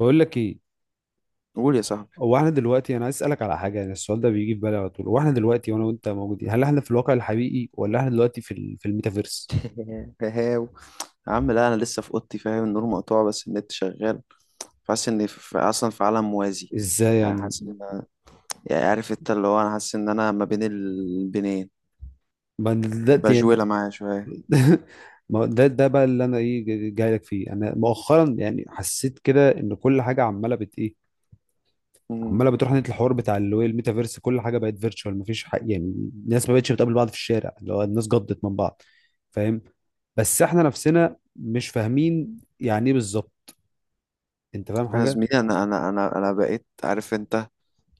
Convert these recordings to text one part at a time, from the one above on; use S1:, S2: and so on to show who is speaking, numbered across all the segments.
S1: بقول لك ايه.
S2: قول يا صاحبي.
S1: هو احنا دلوقتي انا عايز اسالك على حاجه، يعني السؤال ده بيجي في بالي على طول. هو احنا دلوقتي وانا وانت موجودين، هل احنا في الواقع الحقيقي ولا احنا دلوقتي في الميتافيرس؟
S2: هاو، يا عم لا، انا لسه في اوضتي، فاهم؟ النور مقطوع بس النت شغال، فحاسس اني اصلا في عالم موازي.
S1: ازاي
S2: يعني
S1: يعني؟
S2: حاسس ان انا، يعني عارف انت اللي هو انا حاسس ان انا ما بين البنين،
S1: ما يعني
S2: بجولة معايا شوية.
S1: ما هو ده ده بقى اللي انا ايه، جاي لك فيه. انا مؤخرا يعني حسيت كده ان كل حاجه عماله بت ايه،
S2: مم.
S1: عماله بتروح ناحيه الحوار بتاع اللي هو الميتافيرس. كل حاجه بقت فيرتشوال، مفيش حق يعني. الناس ما بقتش بتقابل بعض في الشارع، اللي هو الناس جضت من بعض. فاهم؟ بس احنا نفسنا مش فاهمين يعني ايه بالظبط. انت فاهم
S2: يا
S1: حاجه؟
S2: زميلي، انا بقيت عارف انت،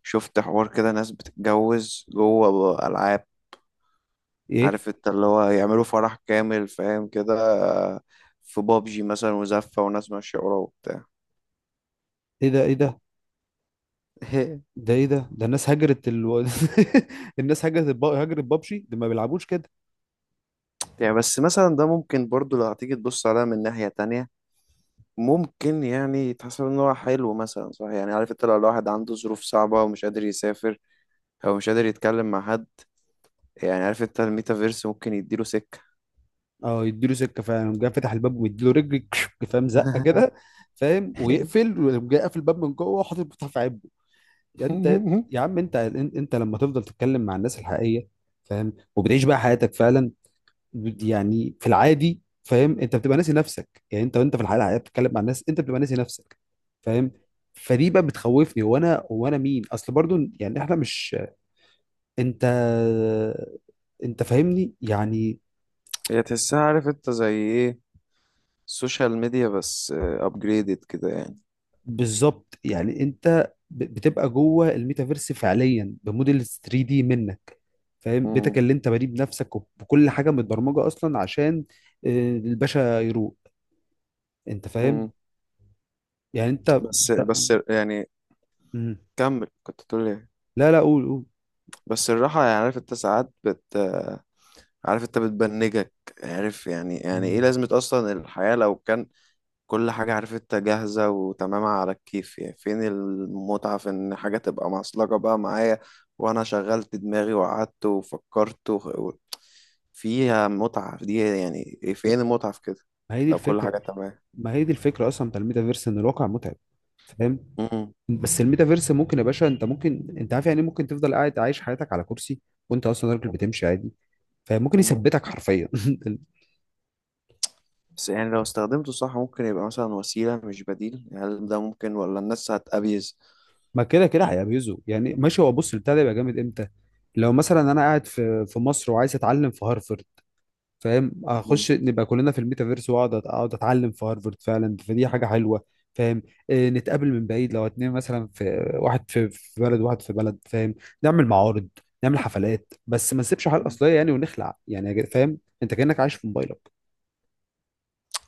S2: شفت حوار كده ناس بتتجوز جوه العاب،
S1: ايه؟
S2: عارف انت اللي هو يعملوا فرح كامل فاهم كده، في بابجي مثلا، وزفة وناس ماشية وراه وبتاع.
S1: ايه ده؟ ايه ده؟ ده ايه ده الناس هجرت الناس هجرت بابجي. دول ما بيلعبوش كده.
S2: يعني بس مثلا ده ممكن برضو لو هتيجي تبص عليها من ناحية تانية، ممكن يعني يتحسب ان هو حلو مثلا، صح؟ يعني عارف انت لو الواحد عنده ظروف صعبة ومش قادر يسافر، او مش قادر يتكلم مع حد، يعني عارف انت الميتافيرس ممكن يديله سكة.
S1: اه، يديله سكه. فاهم؟ قام جاي فتح الباب ومديله رجل كشك، فاهم، زقه كده، فاهم، ويقفل، وقام جاي قافل الباب من جوه وحاطط المفتاح في عبه. يعني انت، يا عم انت لما تفضل تتكلم مع الناس الحقيقيه، فاهم، وبتعيش بقى حياتك فعلا، يعني في العادي، فاهم، انت بتبقى ناسي نفسك. يعني انت وانت في الحياه الحقيقيه بتتكلم مع الناس انت بتبقى ناسي نفسك. فاهم؟ فدي بقى بتخوفني، هو انا مين اصل برضو، يعني احنا مش، انت، انت فاهمني يعني؟
S2: هي تحسها عارف انت زي ايه؟ السوشيال ميديا بس ابجريدد كده يعني.
S1: بالظبط. يعني انت بتبقى جوه الميتافيرس فعليا بموديل 3 دي منك. فاهم؟ بيتك
S2: مم.
S1: اللي انت بنيه بنفسك، وبكل حاجه متبرمجه اصلا عشان آه، الباشا يروق. انت فاهم؟
S2: مم.
S1: يعني انت،
S2: بس
S1: أنت-
S2: بس يعني
S1: مم.
S2: كمل، كنت تقول ايه؟
S1: لا لا، قول.
S2: بس الراحة، يعني عارف انت، ساعات عارف انت بتبنجك، عارف يعني، يعني ايه
S1: مم.
S2: لازمة اصلا الحياة لو كان كل حاجة عارف انت جاهزة وتمام على الكيف؟ يعني فين المتعة في ان حاجة تبقى معصلجة بقى معايا، وانا شغلت دماغي وقعدت وفكرت و... فيها متعة، دي يعني ايه؟ فين المتعة في كده
S1: ما هي دي
S2: لو كل
S1: الفكره.
S2: حاجة تمام؟
S1: ما هي دي الفكره اصلا بتاع الميتافيرس، ان الواقع متعب. فاهم؟
S2: مم.
S1: بس الميتافيرس ممكن يا باشا، انت ممكن انت عارف يعني إيه، ممكن تفضل قاعد عايش حياتك على كرسي وانت اصلا راجل بتمشي عادي. فممكن
S2: مم.
S1: يثبتك حرفيا.
S2: بس يعني لو استخدمته صح، ممكن يبقى مثلا وسيلة مش بديل، هل ده ممكن ولا الناس هتأبيز؟
S1: ما كده كده هيبيزه يعني، ماشي. هو بص، البتاع ده يبقى جامد امتى؟ لو مثلا انا قاعد في مصر وعايز اتعلم في هارفرد، فاهم، اخش نبقى كلنا في الميتافيرس واقعد أت- اقعد اتعلم في هارفرد فعلا، فدي حاجه حلوه. فاهم؟ إيه، نتقابل من بعيد، لو اتنين مثلا، في واحد في بلد واحد في بلد، فاهم. نعمل معارض، نعمل حفلات، بس ما نسيبش حاجه
S2: مم.
S1: اصليه يعني، ونخلع يعني يا فاهم انت كانك عايش في موبايلك.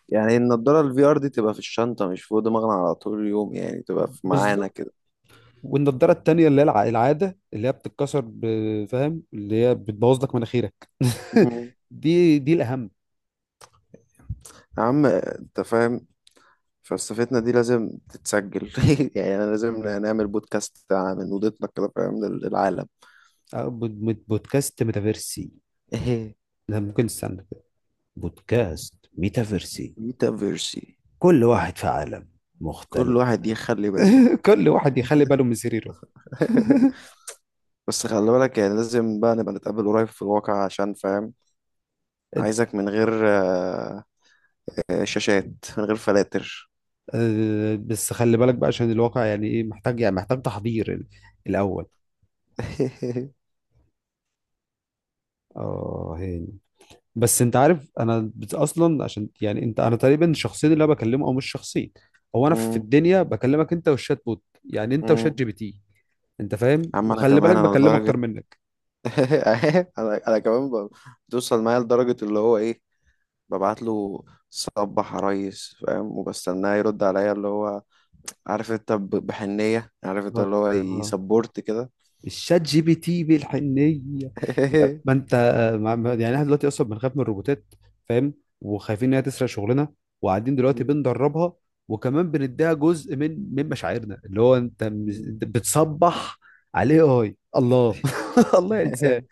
S2: يعني النضارة الفي ار دي تبقى في الشنطة، مش فوق دماغنا على طول اليوم، يعني تبقى في معانا
S1: بالظبط.
S2: كده.
S1: والنضاره التانيه اللي هي العاده اللي هي بتتكسر فاهم اللي هي بتبوظ لك مناخيرك
S2: مهم.
S1: دي الاهم.
S2: يا عم انت فاهم، فلسفتنا دي لازم تتسجل. يعني انا لازم نعمل بودكاست من اوضتنا كده، فاهم، للعالم.
S1: أه، بودكاست ميتافيرسي؟ ده ممكن، استنى كده. بودكاست ميتافيرسي.
S2: ميتافيرسي.
S1: كل واحد في عالم
S2: كل
S1: مختلف.
S2: واحد يخلي باله.
S1: كل واحد يخلي باله من سريره.
S2: بس خلي بالك يعني لازم بقى نبقى نتقابل قريب في الواقع عشان فاهم، عايزك من غير شاشات، من غير فلاتر.
S1: آه، بس خلي بالك بقى عشان الواقع، يعني ايه، محتاج يعني محتاج تحضير الاول. اه، هاني. بس انت عارف انا اصلا، عشان يعني انت، انا تقريبا الشخصين اللي انا بكلمه، او مش شخصين، هو انا في
S2: مم،
S1: الدنيا بكلمك انت والشات بوت، يعني انت وشات
S2: مم.
S1: جي بي تي. انت فاهم؟
S2: عم انا
S1: وخلي بالك
S2: كمان، انا
S1: بكلمه اكتر
S2: لدرجة،
S1: منك.
S2: انا كمان بتوصل معايا لدرجة اللي هو ايه، ببعت له صبح يا ريس، فاهم، وبستناه يرد عليا اللي هو عارف انت بحنية، عارف انت
S1: طب
S2: اللي هو
S1: آه.
S2: يسبورت كده.
S1: الشات جي بي تي بالحنيه. ما انت، يعني احنا دلوقتي اصلا بنخاف من الروبوتات، فاهم، وخايفين ان هي تسرق شغلنا، وقاعدين دلوقتي بندربها، وكمان بنديها جزء من مشاعرنا، اللي هو انت انت بتصبح عليه اي الله الله ينساه.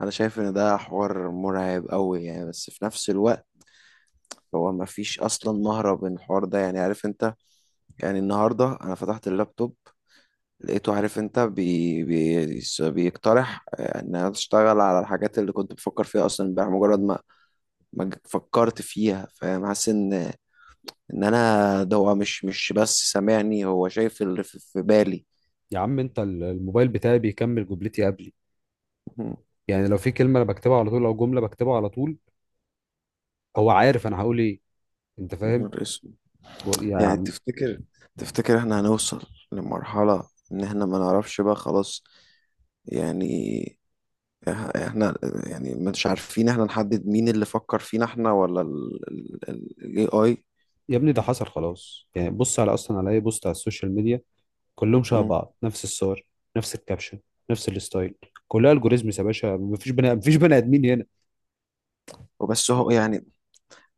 S2: انا شايف ان ده حوار مرعب قوي يعني، بس في نفس الوقت هو ما فيش اصلا مهرب من الحوار ده، يعني عارف انت. يعني النهارده انا فتحت اللابتوب، لقيته عارف انت بي بي بيقترح ان انا اشتغل على الحاجات اللي كنت بفكر فيها اصلا امبارح، مجرد ما فكرت فيها، فاهم، حاسس ان انا ده هو مش بس سامعني، هو شايف اللي في بالي.
S1: يا عم انت الموبايل بتاعي بيكمل جملتي قبلي.
S2: مهم.
S1: يعني لو في كلمه انا بكتبها على طول، او جمله بكتبها على طول، هو عارف انا هقول ايه. انت فاهم؟
S2: نهار اسود.
S1: يا
S2: يعني
S1: عم.
S2: تفتكر، احنا هنوصل لمرحلة ان احنا ما نعرفش بقى خلاص؟ يعني احنا يعني مش عارفين احنا نحدد مين اللي فكر فينا، احنا ولا ال AI؟
S1: يا ابني ده حصل خلاص يعني. بص على، اصلا على اي بوست على السوشيال ميديا، كلهم شبه
S2: مم.
S1: بعض، نفس الصور، نفس الكابشن، نفس الستايل، كلها الجوريزمز يا باشا، مفيش بني ادمين هنا.
S2: وبس هو يعني،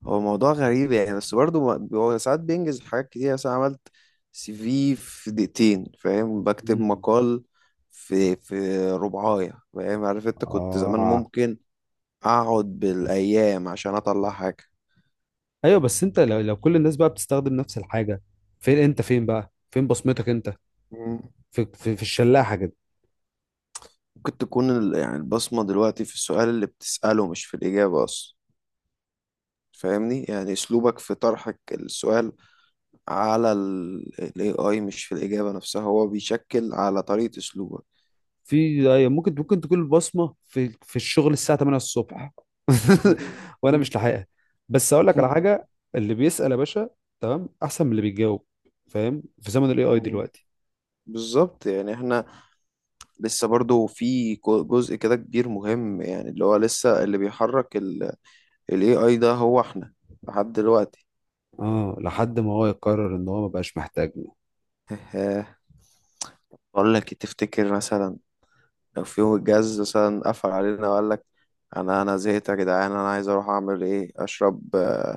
S2: هو موضوع غريب يعني. بس برضه هو ساعات بينجز حاجات كتير، مثلا عملت سي في في دقيقتين، فاهم، بكتب
S1: مم.
S2: مقال في في ربعاية، فاهم، عارف انت كنت زمان
S1: اه.
S2: ممكن اقعد بالايام عشان اطلع حاجة.
S1: ايوه، بس انت لو، لو كل الناس بقى بتستخدم نفس الحاجه، فين انت؟ فين بقى فين بصمتك انت؟
S2: مم.
S1: في في الشلاحه كده.
S2: ممكن تكون يعني البصمة دلوقتي في السؤال اللي بتسأله، مش في الإجابة أصلا. فاهمني؟ يعني أسلوبك في طرحك السؤال على ال AI، مش في الإجابة نفسها، هو بيشكل على طريقة أسلوبك.
S1: في أيوة، ممكن، ممكن تكون بصمه في الشغل الساعه 8 الصبح وانا مش لاحقها. بس اقول لك على حاجه، اللي بيسال يا باشا تمام احسن من اللي بيجاوب. فاهم؟ في زمن الاي اي دلوقتي.
S2: بالظبط، يعني احنا لسه برضو في جزء كده كبير مهم، يعني اللي هو لسه اللي بيحرك ال AI ده هو احنا، لحد دلوقتي.
S1: اه، لحد ما هو يقرر ان هو مبقاش محتاجنا.
S2: بقول لك إيه، تفتكر مثلا لو في يوم الجهاز مثلا قفل علينا وقال لك، انا زهقت يا جدعان، انا عايز اروح اعمل ايه، اشرب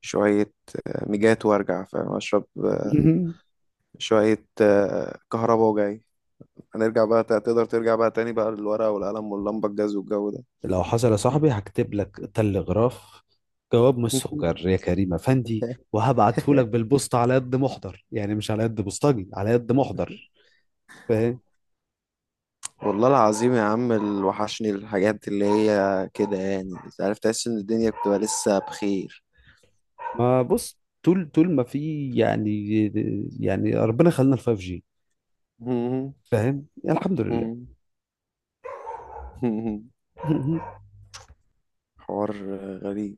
S2: شوية ميجات وارجع، فاهم، اشرب شوية كهرباء وجاي، هنرجع بقى؟ تقدر ترجع بقى تاني بقى للورقة والقلم واللمبة الجاز والجو ده؟
S1: لو حصل يا صاحبي هكتب لك تلغراف، جواب مسجر يا كريم افندي، وهبعته لك بالبوسطه على قد محضر يعني، مش على قد بوسطجي، على قد محضر. فاهم؟
S2: والله العظيم يا عم اللي وحشني الحاجات اللي هي كده يعني، عارف تحس ان الدنيا بتبقى لسه بخير.
S1: ما بص، طول ما في يعني، يعني ربنا خلينا الفايف جي،
S2: مم.
S1: فاهم، يعني الحمد لله.
S2: مم. حوار غريب،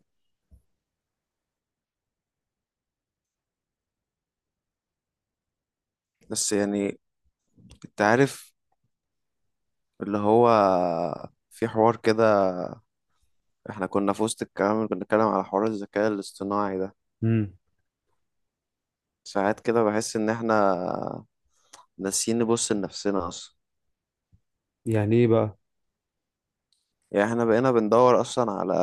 S2: بس يعني انت عارف اللي هو، في حوار كده احنا كنا في وسط الكلام اللي كنا بنتكلم على حوار الذكاء الاصطناعي ده،
S1: امم.
S2: ساعات كده بحس ان احنا ناسيين نبص لنفسنا اصلا.
S1: يعني ايه بقى؟
S2: يعني احنا بقينا بندور اصلا على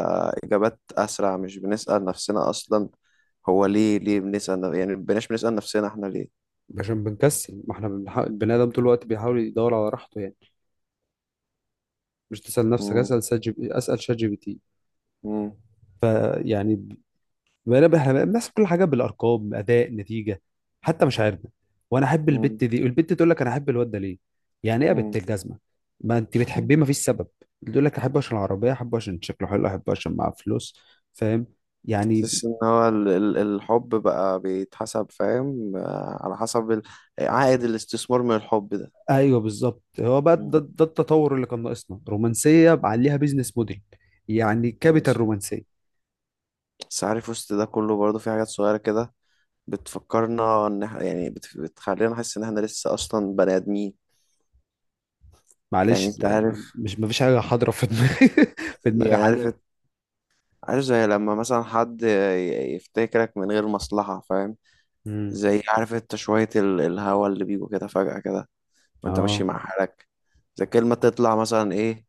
S2: اجابات اسرع، مش بنسأل نفسنا اصلا هو ليه بنسأل يعني مبقيناش بنسأل نفسنا احنا ليه.
S1: عشان بنكسل، ما احنا بنحاول، البني ادم طول الوقت بيحاول يدور على راحته يعني. مش تسال نفسك،
S2: مم.
S1: اسال شات جي بي، اسال شات جي بي تي.
S2: مم.
S1: فيعني بنبه الناس كل حاجه بالارقام، اداء، نتيجه، حتى مشاعرنا. وانا احب
S2: مم.
S1: البت دي، والبت تقول لك انا احب الواد ده ليه، يعني ايه يا بنت
S2: مم.
S1: الجزمه؟ ما انت بتحبيه، ما فيش سبب. تقول لك احبه عشان العربيه، احبه عشان شكله حلو، احبه عشان معاه فلوس. فاهم؟ يعني،
S2: تحس ان هو الحب بقى بيتحسب، فاهم، على حسب عائد الاستثمار من الحب ده.
S1: ايوه بالظبط، هو بقى
S2: مم.
S1: ده التطور اللي كان ناقصنا، رومانسيه عليها بيزنس موديل، يعني كابيتال
S2: بس
S1: رومانسيه.
S2: بس عارف وسط ده كله برضه في حاجات صغيرة كده بتفكرنا ان احنا يعني بتخلينا نحس ان احنا لسه اصلا بني ادمين. يعني
S1: معلش،
S2: انت عارف،
S1: مش، ما فيش حاجه حاضره في دماغي في دماغي
S2: يعني عارف،
S1: حاليا.
S2: عارف زي لما مثلا حد يفتكرك من غير مصلحة، فاهم،
S1: امم.
S2: زي عارف انت شوية الهوا اللي بيجوا كده فجأة كده وانت ماشي
S1: اه.
S2: مع حالك، زي كلمة تطلع مثلا ايه،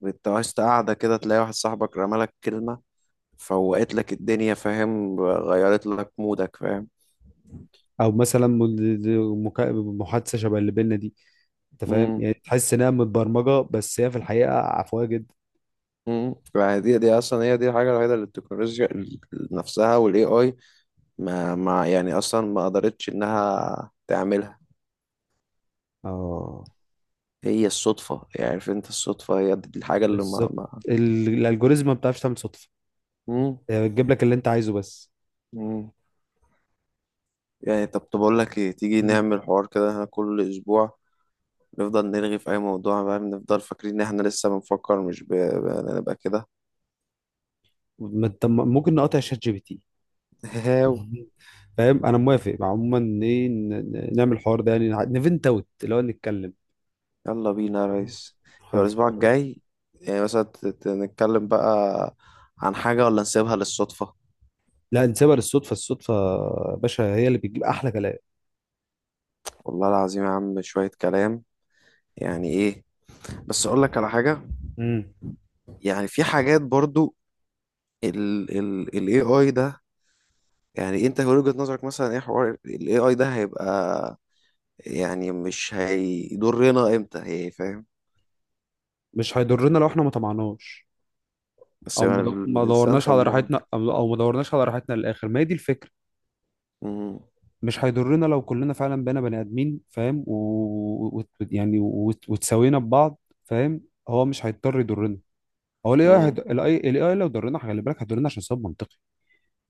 S2: وانت وسط قاعدة كده تلاقي واحد صاحبك رمالك كلمة، فوقت لك الدنيا، فاهم، غيرت لك مودك، فاهم؟
S1: او مثلا محادثه شبه اللي بينا دي، انت فاهم،
S2: امم.
S1: يعني تحس انها متبرمجه بس هي في الحقيقه عفويه جدا.
S2: امم. فدي اصلا هي دي الحاجة الوحيدة اللي التكنولوجيا نفسها والاي اي ما يعني اصلا ما قدرتش انها تعملها.
S1: اه
S2: هي الصدفة، يعني عارف انت الصدفة هي دي الحاجة اللي ما
S1: بالظبط.
S2: ما
S1: الالجوريزم ما بتعرفش تعمل صدفه،
S2: مم.
S1: هي بتجيب لك اللي انت عايزه بس.
S2: مم. يعني طب أقول لك إيه، تيجي
S1: مم.
S2: نعمل حوار كده إحنا كل أسبوع، نفضل نرغي في أي موضوع بقى، نفضل فاكرين إن إحنا لسه بنفكر، مش نبقى كده.
S1: ما انت ممكن نقاطع شات جي بي تي.
S2: هاو.
S1: فاهم؟ انا موافق عموما، ايه نعمل الحوار ده يعني، نفنت اوت اللي هو نتكلم.
S2: يلا بينا يا
S1: مم.
S2: ريس. يبقى
S1: خالص يا
S2: الأسبوع
S1: ريس.
S2: الجاي، يعني مثلا نتكلم بقى عن حاجة ولا نسيبها للصدفة؟
S1: لا، نسيبها للصدفه. الصدفه يا باشا هي اللي بتجيب احلى كلام.
S2: والله العظيم يا عم شوية كلام يعني إيه. بس أقول لك على حاجة،
S1: مم.
S2: يعني في حاجات برضو، ال ال ال AI ده، يعني أنت من وجهة نظرك مثلا إيه حوار ال AI ده هيبقى، يعني مش هيضرنا امتى هي، فاهم؟
S1: مش هيضرنا لو احنا ما طمعناش،
S2: بس
S1: او
S2: يعني
S1: ما
S2: الانسان
S1: دورناش على
S2: طماع.
S1: راحتنا، او ما دورناش على راحتنا للاخر، ما هي دي الفكره.
S2: مم،
S1: مش هيضرنا لو كلنا فعلا بقينا بني ادمين، فاهم، و... و... يعني وتساوينا ببعض، فاهم. هو مش هيضطر يضرنا. هو الاي اي،
S2: مم،
S1: الاي اي لو ضرنا خلي بالك هيضرنا عشان سبب منطقي،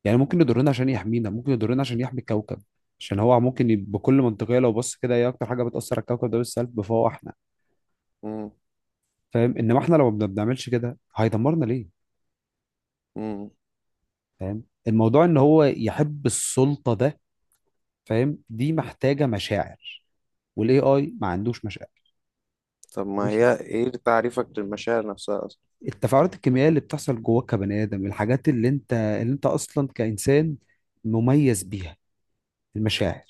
S1: يعني ممكن يضرنا عشان يحمينا، ممكن يضرنا عشان يحمي الكوكب، عشان هو ممكن بكل منطقيه لو بص كده، ايه اكتر حاجه بتاثر على الكوكب ده بالسلب؟ فهو احنا.
S2: مم،
S1: فاهم؟ انما احنا لو ما بنعملش كده هيدمرنا ليه؟
S2: مم.
S1: فاهم؟ الموضوع ان هو يحب السلطه ده، فاهم، دي محتاجه مشاعر، والاي اي ما عندوش مشاعر.
S2: طب ما
S1: مش،
S2: هي ايه تعريفك للمشاعر نفسها اصلا؟
S1: التفاعلات الكيميائيه اللي بتحصل جواك كبني ادم، الحاجات اللي انت اصلا كانسان مميز بيها، المشاعر.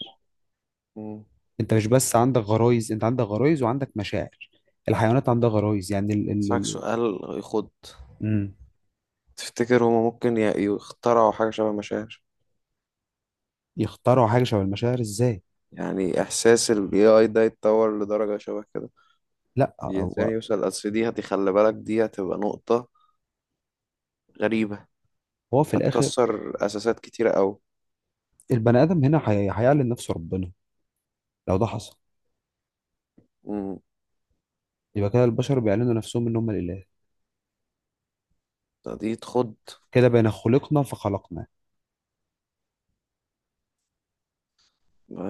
S2: مم.
S1: انت مش بس عندك غرايز، انت عندك غرايز وعندك مشاعر. الحيوانات عندها غرايز يعني. ال ال
S2: اسالك
S1: ال
S2: سؤال يخد،
S1: مم.
S2: تفتكر هما ممكن يخترعوا حاجة شبه مشاعر؟
S1: يخترعوا حاجه شبه المشاعر ازاي؟
S2: يعني احساس ال AI ده يتطور لدرجة شبه كده
S1: لا
S2: الانسان،
S1: هو،
S2: يوصل اصل دي خلي بالك دي هتبقى نقطة غريبة،
S1: هو في الاخر
S2: هتكسر اساسات كتيرة قوي.
S1: البني ادم هنا هيعلن نفسه ربنا. لو ده حصل
S2: مم.
S1: يبقى كده البشر بيعلنوا نفسهم ان هم الاله،
S2: دي تخد،
S1: كده بين خلقنا فخلقنا.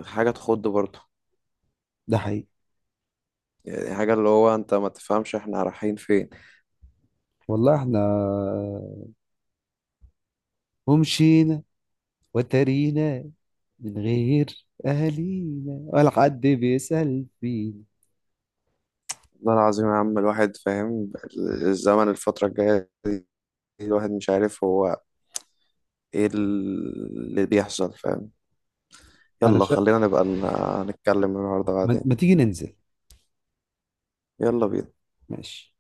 S2: حاجة تخد برضه،
S1: ده حقيقي.
S2: يعني حاجة اللي هو انت ما تفهمش احنا رايحين فين.
S1: والله احنا ومشينا وترينا من غير اهالينا، ولا حد بيسأل فينا.
S2: والله العظيم يا عم الواحد فاهم، الزمن الفترة الجاية دي الواحد مش عارف هو ايه اللي بيحصل، فاهم؟
S1: انا
S2: يلا خلينا نبقى نتكلم النهاردة بعدين.
S1: ما تيجي ننزل؟
S2: يلا بينا.
S1: ماشي.